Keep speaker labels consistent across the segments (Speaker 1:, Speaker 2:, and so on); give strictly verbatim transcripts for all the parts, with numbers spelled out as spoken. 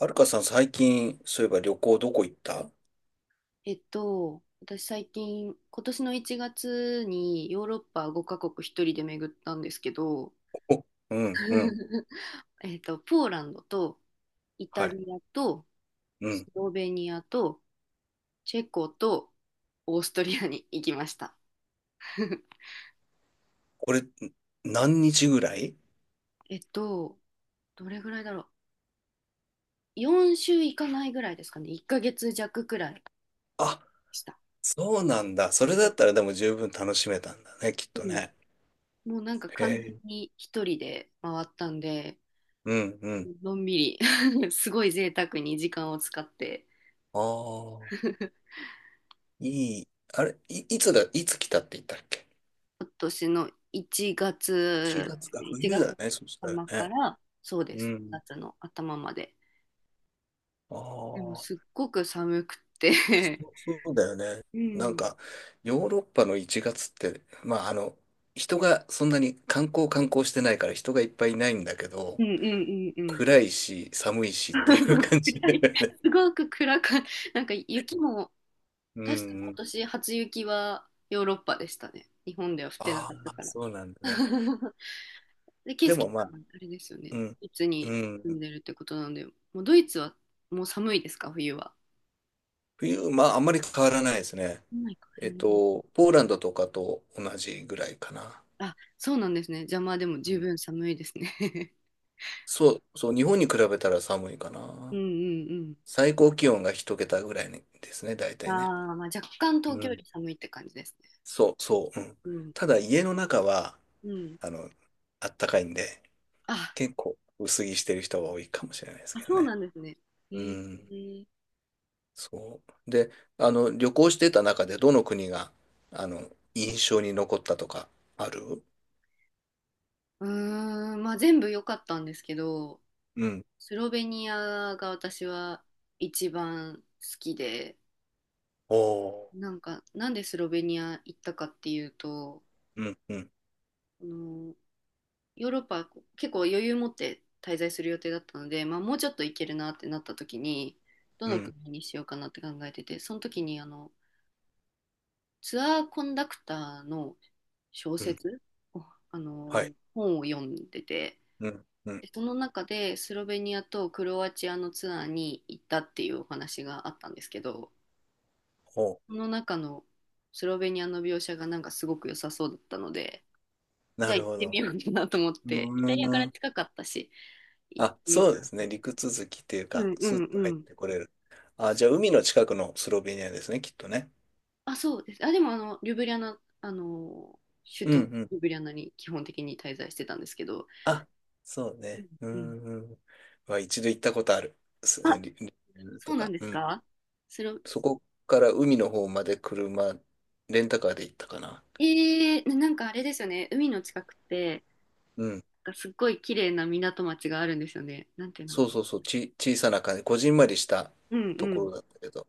Speaker 1: はるかさん最近、そういえば旅行どこ行った？
Speaker 2: えっと、私最近、今年のいちがつにヨーロッパごかこくカ国一人で巡ったんですけど、
Speaker 1: おうんうん。
Speaker 2: えっと、ポーランドとイ
Speaker 1: は
Speaker 2: タリ
Speaker 1: い。
Speaker 2: アと
Speaker 1: う
Speaker 2: ス
Speaker 1: ん。
Speaker 2: ロベニアとチェコとオーストリアに行きました。
Speaker 1: これ、何日ぐらい？
Speaker 2: えっと、どれぐらいだろう。よんしゅう週行かないぐらいですかね。いっかげつ弱くらいで
Speaker 1: あ、
Speaker 2: した。
Speaker 1: そうなんだ。それ
Speaker 2: う
Speaker 1: だ
Speaker 2: ん。
Speaker 1: ったらでも十分楽しめたんだね、きっ
Speaker 2: う
Speaker 1: と
Speaker 2: ん、
Speaker 1: ね。
Speaker 2: もうなんか
Speaker 1: へ
Speaker 2: 完全
Speaker 1: え。
Speaker 2: に一人で回ったんで、
Speaker 1: うんうん。
Speaker 2: のんびり すごい贅沢に時間を使って
Speaker 1: ああ、いい。あれ、い、いつだ、いつ来たって言ったっけ？
Speaker 2: 今年の1
Speaker 1: いち
Speaker 2: 月
Speaker 1: 月
Speaker 2: です
Speaker 1: か、
Speaker 2: ね、1
Speaker 1: 冬
Speaker 2: 月
Speaker 1: だ
Speaker 2: の
Speaker 1: ね、そしたら
Speaker 2: 頭か
Speaker 1: ね。
Speaker 2: ら、そうで
Speaker 1: う
Speaker 2: す、
Speaker 1: ん。
Speaker 2: 夏の頭まで。
Speaker 1: あ
Speaker 2: でもすっ
Speaker 1: あ。
Speaker 2: ごく寒く
Speaker 1: そ
Speaker 2: て
Speaker 1: うそうだよね。
Speaker 2: う
Speaker 1: なん
Speaker 2: ん、
Speaker 1: か、ヨーロッパのいちがつって、まあ、あの、人がそんなに観光観光してないから人がいっぱいいないんだけど、
Speaker 2: うんうんうんうん。
Speaker 1: 暗いし、寒いしっていう 感じ
Speaker 2: 暗
Speaker 1: だよ
Speaker 2: い。
Speaker 1: ね。
Speaker 2: すごく暗か、なんか雪も、
Speaker 1: うん
Speaker 2: 確か
Speaker 1: う
Speaker 2: 今
Speaker 1: ん。
Speaker 2: 年初雪はヨーロッパでしたね。日本では降ってな
Speaker 1: あ
Speaker 2: かった
Speaker 1: あ、
Speaker 2: から。
Speaker 1: そうなんだね。
Speaker 2: で、ケイ
Speaker 1: で
Speaker 2: スケ
Speaker 1: もま
Speaker 2: さ
Speaker 1: あ、
Speaker 2: んはあれですよね。
Speaker 1: うん、
Speaker 2: ドイツに
Speaker 1: う
Speaker 2: 住
Speaker 1: ん。
Speaker 2: んでるってことなんで、もうドイツはもう寒いですか、冬は。
Speaker 1: 冬、まあ、あんまり変わらないですね。
Speaker 2: 寒いか
Speaker 1: えっと、ポーランドとかと同じぐらいかな。
Speaker 2: あ、そうなんですね。邪魔でも
Speaker 1: う
Speaker 2: 十
Speaker 1: ん。
Speaker 2: 分寒いですね。
Speaker 1: そう、そう、日本に比べたら寒いか
Speaker 2: うん
Speaker 1: な。
Speaker 2: うん
Speaker 1: 最高気温が一桁ぐらいですね、大
Speaker 2: うん。
Speaker 1: 体ね。
Speaker 2: ああ、まあ若干
Speaker 1: う
Speaker 2: 東京よ
Speaker 1: ん。
Speaker 2: り寒いって感じですね。
Speaker 1: そう、そう、うん。
Speaker 2: うん
Speaker 1: ただ家の中は、
Speaker 2: うん。
Speaker 1: あの、あったかいんで、
Speaker 2: あ、
Speaker 1: 結構薄着してる人が多いかもしれないです
Speaker 2: あ、
Speaker 1: けど
Speaker 2: そうな
Speaker 1: ね。
Speaker 2: んですね。え
Speaker 1: う
Speaker 2: ー、
Speaker 1: ん。そう。で、あの、旅行してた中でどの国が、あの、印象に残ったとか、ある？
Speaker 2: うーん、まあ全部良かったんですけど、
Speaker 1: うん。
Speaker 2: スロベニアが私は一番好きで、
Speaker 1: おー。
Speaker 2: なんかなんでスロベニア行ったかっていうと、
Speaker 1: うん、うん、
Speaker 2: あのヨーロッパ結構余裕持って滞在する予定だったので、まあ、もうちょっと行けるなってなった時に、ど
Speaker 1: う
Speaker 2: の
Speaker 1: ん、
Speaker 2: 国にしようかなって考えてて、その時にあのツアーコンダクターの小
Speaker 1: うん。
Speaker 2: 説を、あ
Speaker 1: はい。
Speaker 2: の本を読んでて、
Speaker 1: うん、うん。
Speaker 2: でその中でスロベニアとクロアチアのツアーに行ったっていうお話があったんですけど、
Speaker 1: おー。
Speaker 2: その中のスロベニアの描写がなんかすごく良さそうだったので、じ
Speaker 1: な
Speaker 2: ゃあ
Speaker 1: る
Speaker 2: 行っ
Speaker 1: ほ
Speaker 2: てみ
Speaker 1: ど。
Speaker 2: ようかなと思っ
Speaker 1: う
Speaker 2: て、イタリアか
Speaker 1: ー
Speaker 2: ら
Speaker 1: ん。
Speaker 2: 近かったし、行っ
Speaker 1: あ、
Speaker 2: てみ
Speaker 1: そう
Speaker 2: た
Speaker 1: で
Speaker 2: ん
Speaker 1: すね。
Speaker 2: で
Speaker 1: 陸
Speaker 2: す。
Speaker 1: 続きっていう
Speaker 2: う
Speaker 1: か、
Speaker 2: んう
Speaker 1: スッ
Speaker 2: ん
Speaker 1: と
Speaker 2: う
Speaker 1: 入っ
Speaker 2: ん。
Speaker 1: てこれる。あ、じゃあ海の近くのスロベニアですね、きっとね。
Speaker 2: あ、そうです。あ、でもあの、リュブリャナ、あの、首
Speaker 1: うん
Speaker 2: 都の
Speaker 1: うん。
Speaker 2: リュブリャナに基本的に滞在してたんですけど、
Speaker 1: あ、そう
Speaker 2: うん
Speaker 1: ね。う
Speaker 2: うん。
Speaker 1: んうん。まあ、一度行ったことある。す
Speaker 2: あ、
Speaker 1: リリベル
Speaker 2: そ
Speaker 1: と
Speaker 2: うなん
Speaker 1: か。
Speaker 2: で
Speaker 1: う
Speaker 2: す
Speaker 1: ん。
Speaker 2: か？それを、
Speaker 1: そこから海の方まで車、レンタカーで行ったかな。
Speaker 2: えー、ななんかあれですよね、海の近くって、
Speaker 1: うん。
Speaker 2: なんかすっごい綺麗な港町があるんですよね。なんていう名
Speaker 1: そ
Speaker 2: 前。
Speaker 1: うそうそう。ち、小さな感じ。こじんまりした
Speaker 2: うん
Speaker 1: と
Speaker 2: う
Speaker 1: こ
Speaker 2: ん
Speaker 1: ろだったけど。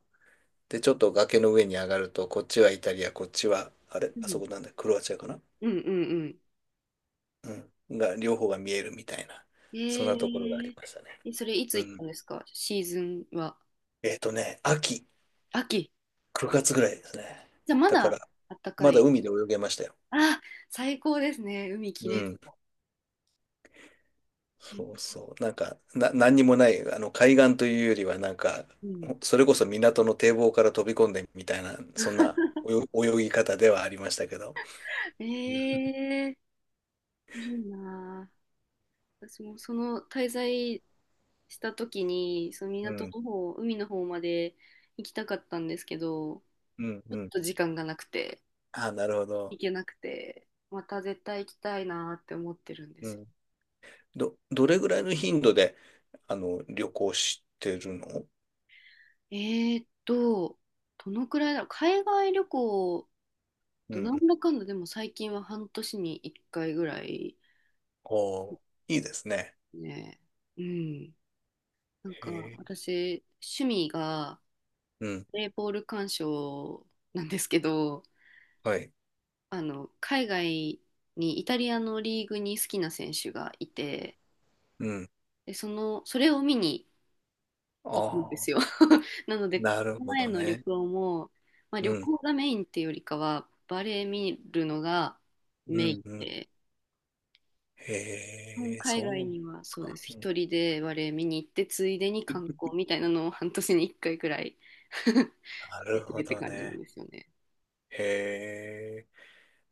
Speaker 1: で、ちょっと崖の上に上がると、こっちはイタリア、こっちは、あれ、
Speaker 2: う
Speaker 1: あそ
Speaker 2: ん
Speaker 1: こなんだ、クロアチアかな？
Speaker 2: うんうん
Speaker 1: うん。が、両方が見えるみたいな。
Speaker 2: うん。
Speaker 1: そんなところがあ
Speaker 2: え
Speaker 1: り
Speaker 2: ー、
Speaker 1: ましたね。
Speaker 2: えそれいつ
Speaker 1: う
Speaker 2: 行った
Speaker 1: ん。
Speaker 2: んですか？シーズンは。
Speaker 1: えっとね、秋。
Speaker 2: 秋。
Speaker 1: くがつぐらいですね。
Speaker 2: じゃあま
Speaker 1: だか
Speaker 2: だ
Speaker 1: ら、
Speaker 2: あったか
Speaker 1: まだ
Speaker 2: い。
Speaker 1: 海で泳げましたよ。
Speaker 2: あ、最高ですね。海き
Speaker 1: う
Speaker 2: れいそ
Speaker 1: ん。
Speaker 2: う。う
Speaker 1: そう
Speaker 2: ん
Speaker 1: そう。なんか、な、何にもない、あの、海岸というよりは、なんか、
Speaker 2: うん。
Speaker 1: それこそ港の堤防から飛び込んでみたいな、そんな泳泳ぎ方ではありましたけど。
Speaker 2: え
Speaker 1: うん、
Speaker 2: ー、いいなあ。私もその滞在した時に、その港の方、海の方まで行きたかったんですけど、
Speaker 1: うん、
Speaker 2: ちょ
Speaker 1: う
Speaker 2: っ
Speaker 1: ん。
Speaker 2: と時間がなくて、
Speaker 1: あ、なるほど。
Speaker 2: 行けなくて、また絶対行きたいなって思ってるんで
Speaker 1: う
Speaker 2: すよ。
Speaker 1: ん。ど、どれぐらいの頻度で、あの、旅行してるの？
Speaker 2: えーっと、どのくらいだろう。海外旅行、
Speaker 1: う
Speaker 2: となん
Speaker 1: ん。
Speaker 2: だかんだでも最近は半年にいっかいぐらい。
Speaker 1: おー、いいですね。
Speaker 2: ね。うん。なんか、
Speaker 1: へえ。
Speaker 2: 私、趣味が、
Speaker 1: うん。
Speaker 2: プレーボール鑑賞なんですけど、
Speaker 1: はい。
Speaker 2: あの、海外に、イタリアのリーグに好きな選手がいて、
Speaker 1: うん。
Speaker 2: で、その、それを見に
Speaker 1: あ
Speaker 2: 行くんで
Speaker 1: あ、
Speaker 2: すよ。なので、
Speaker 1: な
Speaker 2: こ
Speaker 1: る
Speaker 2: の
Speaker 1: ほ
Speaker 2: 前
Speaker 1: ど
Speaker 2: の旅
Speaker 1: ね。
Speaker 2: 行も、まあ、
Speaker 1: う
Speaker 2: 旅
Speaker 1: ん。
Speaker 2: 行がメインっていうよりかは、バレー見るのが
Speaker 1: う
Speaker 2: メイ
Speaker 1: んう
Speaker 2: ン
Speaker 1: ん。
Speaker 2: で、
Speaker 1: へ
Speaker 2: うん、
Speaker 1: え、
Speaker 2: 海外
Speaker 1: そう
Speaker 2: にはそうで
Speaker 1: か。
Speaker 2: す。
Speaker 1: うん。
Speaker 2: 一人でバレー見に行って、ついでに観光みたいなのを半年に一回くらい
Speaker 1: な
Speaker 2: 出
Speaker 1: る
Speaker 2: て
Speaker 1: ほ
Speaker 2: るって
Speaker 1: ど
Speaker 2: 感じなん
Speaker 1: ね。
Speaker 2: ですよね。
Speaker 1: へえ、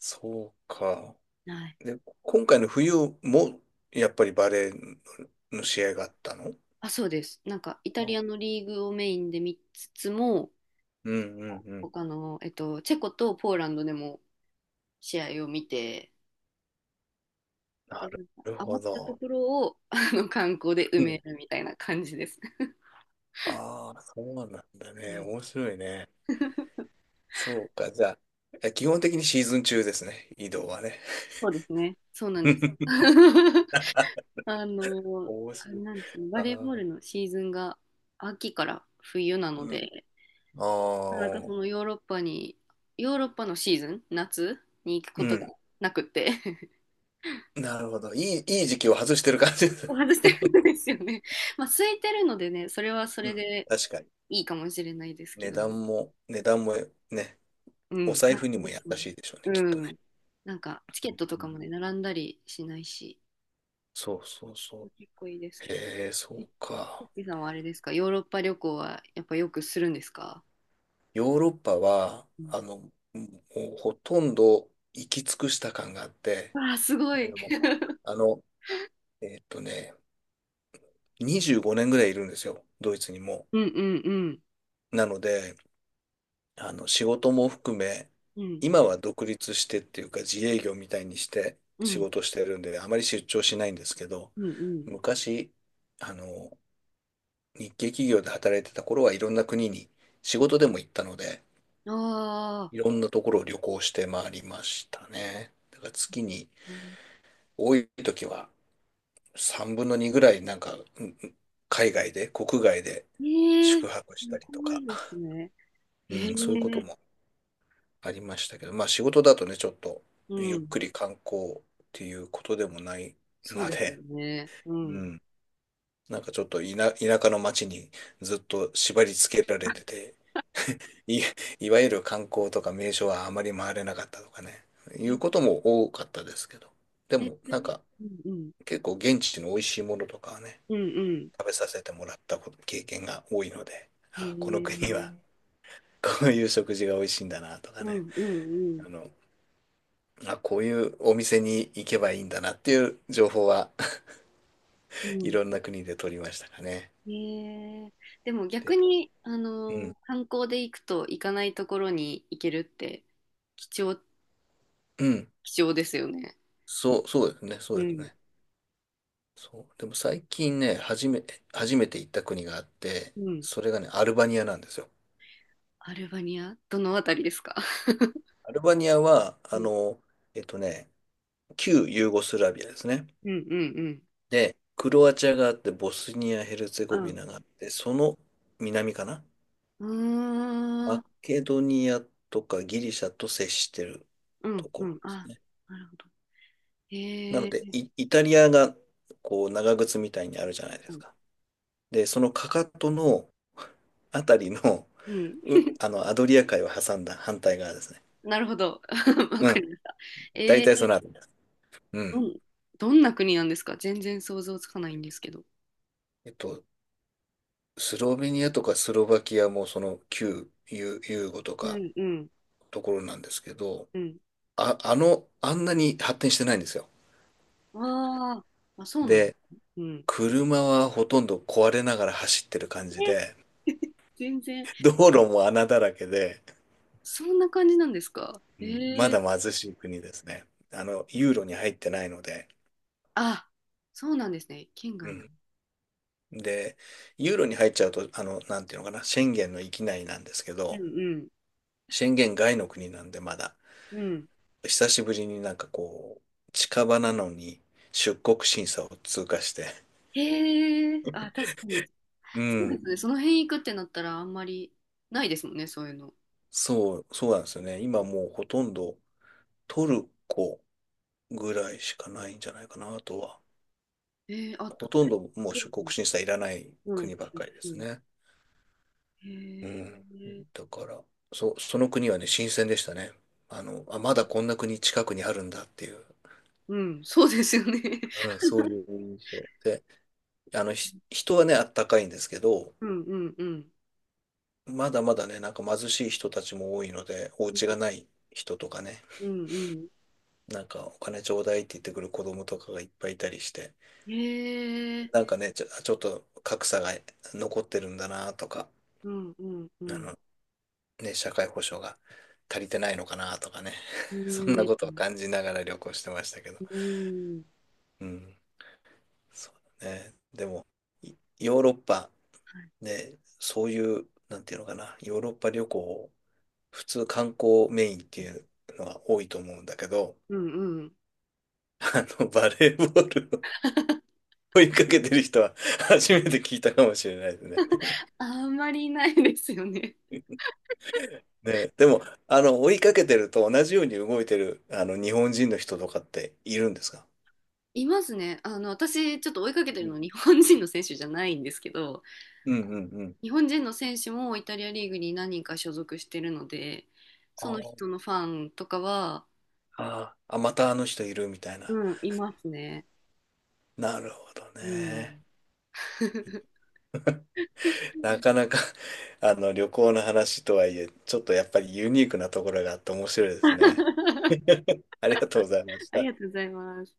Speaker 1: そうか。
Speaker 2: はい。
Speaker 1: で、今回の冬も、やっぱりバレーの試合があったの？
Speaker 2: あ、そうです。なんかイタリ
Speaker 1: あ
Speaker 2: アのリーグをメインで見つつも、
Speaker 1: うんうんうん。
Speaker 2: 他の、えっと、チェコとポーランドでも試合を見て、
Speaker 1: な
Speaker 2: で、なんか
Speaker 1: るほ
Speaker 2: 余ったと
Speaker 1: ど。
Speaker 2: ころを あの観光で埋
Speaker 1: う
Speaker 2: め
Speaker 1: ん。
Speaker 2: るみたいな感じです。
Speaker 1: ああ、そうなんだ
Speaker 2: は
Speaker 1: ね。
Speaker 2: い、
Speaker 1: 面白いね。そうか。じゃあ、え基本的にシーズン中ですね。移動はね。
Speaker 2: そうですね。そうなんです。あの、
Speaker 1: 面
Speaker 2: あれ
Speaker 1: 白い。
Speaker 2: なんですね、
Speaker 1: あ
Speaker 2: バレーボー
Speaker 1: あ、
Speaker 2: ルのシーズンが秋から冬なの
Speaker 1: う
Speaker 2: で、なんか
Speaker 1: ん。あ
Speaker 2: そ
Speaker 1: あ、
Speaker 2: のヨーロッパに、ヨーロッパのシーズン、夏に行くこ
Speaker 1: う
Speaker 2: とが
Speaker 1: ん。
Speaker 2: なくって
Speaker 1: なるほど。いい、いい時期を外してる感じです。
Speaker 2: 外して るんですよね。まあ、空いてるのでね、それはそ
Speaker 1: う
Speaker 2: れ
Speaker 1: ん。
Speaker 2: で
Speaker 1: 確かに。
Speaker 2: いいかもしれないですけ
Speaker 1: 値
Speaker 2: ど、
Speaker 1: 段も、値段もね、
Speaker 2: う
Speaker 1: お
Speaker 2: ん。
Speaker 1: 財
Speaker 2: あ、
Speaker 1: 布に
Speaker 2: そう
Speaker 1: も
Speaker 2: で
Speaker 1: 優
Speaker 2: す、そうです、
Speaker 1: しいでしょうね、
Speaker 2: う
Speaker 1: きっと
Speaker 2: ん。
Speaker 1: ね。
Speaker 2: なんか、チ
Speaker 1: う
Speaker 2: ケッ
Speaker 1: ん、
Speaker 2: トとかもね、並んだりしないし、
Speaker 1: そうそうそ
Speaker 2: 結構いいです
Speaker 1: う。
Speaker 2: けど。
Speaker 1: へえ、そ
Speaker 2: え、
Speaker 1: う
Speaker 2: ゆ
Speaker 1: か。
Speaker 2: っきさんはあれですか、ヨーロッパ旅行はやっぱよくするんですか？
Speaker 1: ヨーロッパは、
Speaker 2: うん、
Speaker 1: あの、もうほとんど行き尽くした感があって、
Speaker 2: わあ、すご
Speaker 1: い
Speaker 2: い。
Speaker 1: やもう あの、えーっとね、にじゅうごねんぐらいいるんですよ、ドイツにも。
Speaker 2: うんうんうん。
Speaker 1: なので、あの、仕事も含め、
Speaker 2: うん
Speaker 1: 今は独立してっていうか自営業みたいにして
Speaker 2: う
Speaker 1: 仕
Speaker 2: ん
Speaker 1: 事してるんで、あまり出張しないんですけど、
Speaker 2: うん
Speaker 1: 昔、あの、日系企業で働いてた頃はいろんな国に仕事でも行ったので、
Speaker 2: うん。あ
Speaker 1: い
Speaker 2: あ。
Speaker 1: ろんなところを旅行して回りましたね。だから月に多い時はさんぶんのにぐらいなんか、うんうん海外で、国外で
Speaker 2: ええ、
Speaker 1: 宿
Speaker 2: す
Speaker 1: 泊したりと
Speaker 2: ごい
Speaker 1: か、
Speaker 2: ですね。
Speaker 1: う
Speaker 2: え
Speaker 1: ん、そういうこと
Speaker 2: え、
Speaker 1: もありましたけど、まあ仕事だとね、ちょっと
Speaker 2: う
Speaker 1: ゆっ
Speaker 2: ん。
Speaker 1: くり観光っていうことでもない
Speaker 2: そう
Speaker 1: の
Speaker 2: ですよ
Speaker 1: で、
Speaker 2: ね。う
Speaker 1: う
Speaker 2: ん。
Speaker 1: ん。なんかちょっと田、田舎の町にずっと縛り付けられてて、い、いわゆる観光とか名所はあまり回れなかったとかね、いうこ
Speaker 2: え、
Speaker 1: とも多かったですけど、で
Speaker 2: え、
Speaker 1: も
Speaker 2: それは。
Speaker 1: なんか
Speaker 2: うんうん。
Speaker 1: 結構現地の美味しいものとかはね、
Speaker 2: うんうん。
Speaker 1: 食べさせてもらったこと経験が多いので、
Speaker 2: へ
Speaker 1: あ、この
Speaker 2: え、
Speaker 1: 国はこういう食事が美味しいんだなとか
Speaker 2: う
Speaker 1: ね、
Speaker 2: んうんう
Speaker 1: あ
Speaker 2: ん。
Speaker 1: の、まあ、こういうお店に行けばいいんだなっていう情報は
Speaker 2: う
Speaker 1: い
Speaker 2: ん。
Speaker 1: ろんな国で取りましたかね。
Speaker 2: へえ、でも逆に、あ
Speaker 1: う
Speaker 2: の、
Speaker 1: ん。
Speaker 2: 観光で行くと行かないところに行けるって貴重、
Speaker 1: うん。
Speaker 2: 貴重ですよね。
Speaker 1: そう、そうですね。そ
Speaker 2: う
Speaker 1: うです
Speaker 2: ん。
Speaker 1: ね。そう。でも最近ね、初め、初めて行った国があって、
Speaker 2: うん。
Speaker 1: それがね、アルバニアなんですよ。
Speaker 2: アルバニアどのあたりですか？
Speaker 1: アルバニアは、
Speaker 2: う
Speaker 1: あ
Speaker 2: ん
Speaker 1: の、えっとね、旧ユーゴスラビアですね。
Speaker 2: うんうんうん。
Speaker 1: で、クロアチアがあって、ボスニア・ヘルツェゴビ
Speaker 2: あ、
Speaker 1: ナがあって、その南かな？
Speaker 2: うーん。
Speaker 1: マケドニアとかギリシャと接してる
Speaker 2: う
Speaker 1: と
Speaker 2: ん
Speaker 1: こ
Speaker 2: う
Speaker 1: ろで
Speaker 2: ん。あ、
Speaker 1: すね。
Speaker 2: なるほど。え
Speaker 1: なので、
Speaker 2: ー、
Speaker 1: イ、イタリアが、こう、長靴みたいにあるじゃないで
Speaker 2: う
Speaker 1: す
Speaker 2: ん、
Speaker 1: か。で、そのかかとのあたりの、う、あの、アドリア海を挟んだ反対側ですね。
Speaker 2: なるほど。わ
Speaker 1: う
Speaker 2: かり
Speaker 1: ん。
Speaker 2: ました。
Speaker 1: 大
Speaker 2: え
Speaker 1: 体そ
Speaker 2: ー、
Speaker 1: のあたりです。う
Speaker 2: う
Speaker 1: ん。
Speaker 2: ん、どんな国なんですか？全然想像つかないんですけど。
Speaker 1: えっと、スロベニアとかスロバキアもその旧ユ、ユーゴと
Speaker 2: う
Speaker 1: か
Speaker 2: ん、うん、
Speaker 1: ところなんですけど、
Speaker 2: うん。
Speaker 1: あ、あの、あんなに発展してないんですよ。
Speaker 2: あーあ、そうなんだ。
Speaker 1: で、
Speaker 2: うん。
Speaker 1: 車はほとんど壊れながら走ってる感じ
Speaker 2: え、
Speaker 1: で、
Speaker 2: 全然、
Speaker 1: 道路も穴だらけで、
Speaker 2: そんな感じなんですか？
Speaker 1: う
Speaker 2: え
Speaker 1: ん、ま
Speaker 2: ー、
Speaker 1: だ貧しい国ですね。あの、ユーロに入ってないので。
Speaker 2: あ、そうなんですね。県
Speaker 1: う
Speaker 2: 外なの。
Speaker 1: ん。で、ユーロに入っちゃうと、あの、なんていうのかな、シェンゲンの域内なんですけ
Speaker 2: う
Speaker 1: ど、
Speaker 2: ん
Speaker 1: シェンゲン外の国なんでまだ、
Speaker 2: うん、うん。
Speaker 1: 久しぶりになんかこう、近場なのに出国審査を通過して、
Speaker 2: へえ、あ、確かに。
Speaker 1: う
Speaker 2: そうで
Speaker 1: ん、
Speaker 2: すね。その辺行くってなったらあんまりないですもんね、そういうの。
Speaker 1: そう、そうなんですよね。今もうほとんどトルコぐらいしかないんじゃないかな、あとは。
Speaker 2: えー、あ、
Speaker 1: ほとんどもう
Speaker 2: ト
Speaker 1: 出
Speaker 2: ルコ
Speaker 1: 国
Speaker 2: も。
Speaker 1: 審査いらない
Speaker 2: うん、
Speaker 1: 国ばっかりで
Speaker 2: う
Speaker 1: す
Speaker 2: ん、
Speaker 1: ね。
Speaker 2: へ
Speaker 1: う
Speaker 2: え、
Speaker 1: ん。だから、そその国はね、新鮮でしたね。あの、あ、まだこんな国近くにあるんだっていう、
Speaker 2: うん、そうですよね。
Speaker 1: うん、そういう印象。で、あの、ひ人はね、あったかいんですけど、
Speaker 2: うんうんうん。
Speaker 1: まだまだね、なんか貧しい人たちも多いので、お家がない人とかね、
Speaker 2: うん
Speaker 1: なんかお金ちょうだいって言ってくる子供とかがいっぱいいたりして、
Speaker 2: うん。へえ、
Speaker 1: なんかね、ちょ、ちょっと格差が残ってるんだなとか、
Speaker 2: うんうんう
Speaker 1: あ
Speaker 2: ん。
Speaker 1: の、ね、社会保障が足りてないのかなとかね、
Speaker 2: う
Speaker 1: そんな
Speaker 2: ん、
Speaker 1: ことを感じながら旅行してましたけど。
Speaker 2: うん、
Speaker 1: うん、そうだね。でも、いヨーロッパ、
Speaker 2: はい。
Speaker 1: ね、そういう、なんていうのかな、ヨーロッパ旅行、普通観光メインっていうのは多いと思うんだけど、
Speaker 2: うんうん。
Speaker 1: あの、バレーボールを追いかけてる人は 初めて聞いたかもしれないですね。
Speaker 2: あんまりいないですよね。
Speaker 1: ね、でも、あの、追いかけてると同じように動いてる、あの、日本人の人とかっているんですか？
Speaker 2: いますね。あの、私、ちょっと追いかけて
Speaker 1: う
Speaker 2: る
Speaker 1: ん
Speaker 2: の日本人の選手じゃないんですけど、
Speaker 1: うんうんうん。
Speaker 2: 日本人の選手もイタリアリーグに何人か所属してるので、
Speaker 1: あ
Speaker 2: その
Speaker 1: ー
Speaker 2: 人のファンとかは、
Speaker 1: あー、あまたあの人いるみたいな。
Speaker 2: うん、いますね。
Speaker 1: なるほど
Speaker 2: う
Speaker 1: ね。
Speaker 2: ん。
Speaker 1: なかなか あの、旅行の話とはいえ、ちょっとやっぱりユニークなところがあって面白いですね。ありがとうございまし
Speaker 2: あり
Speaker 1: た。
Speaker 2: がとうございます。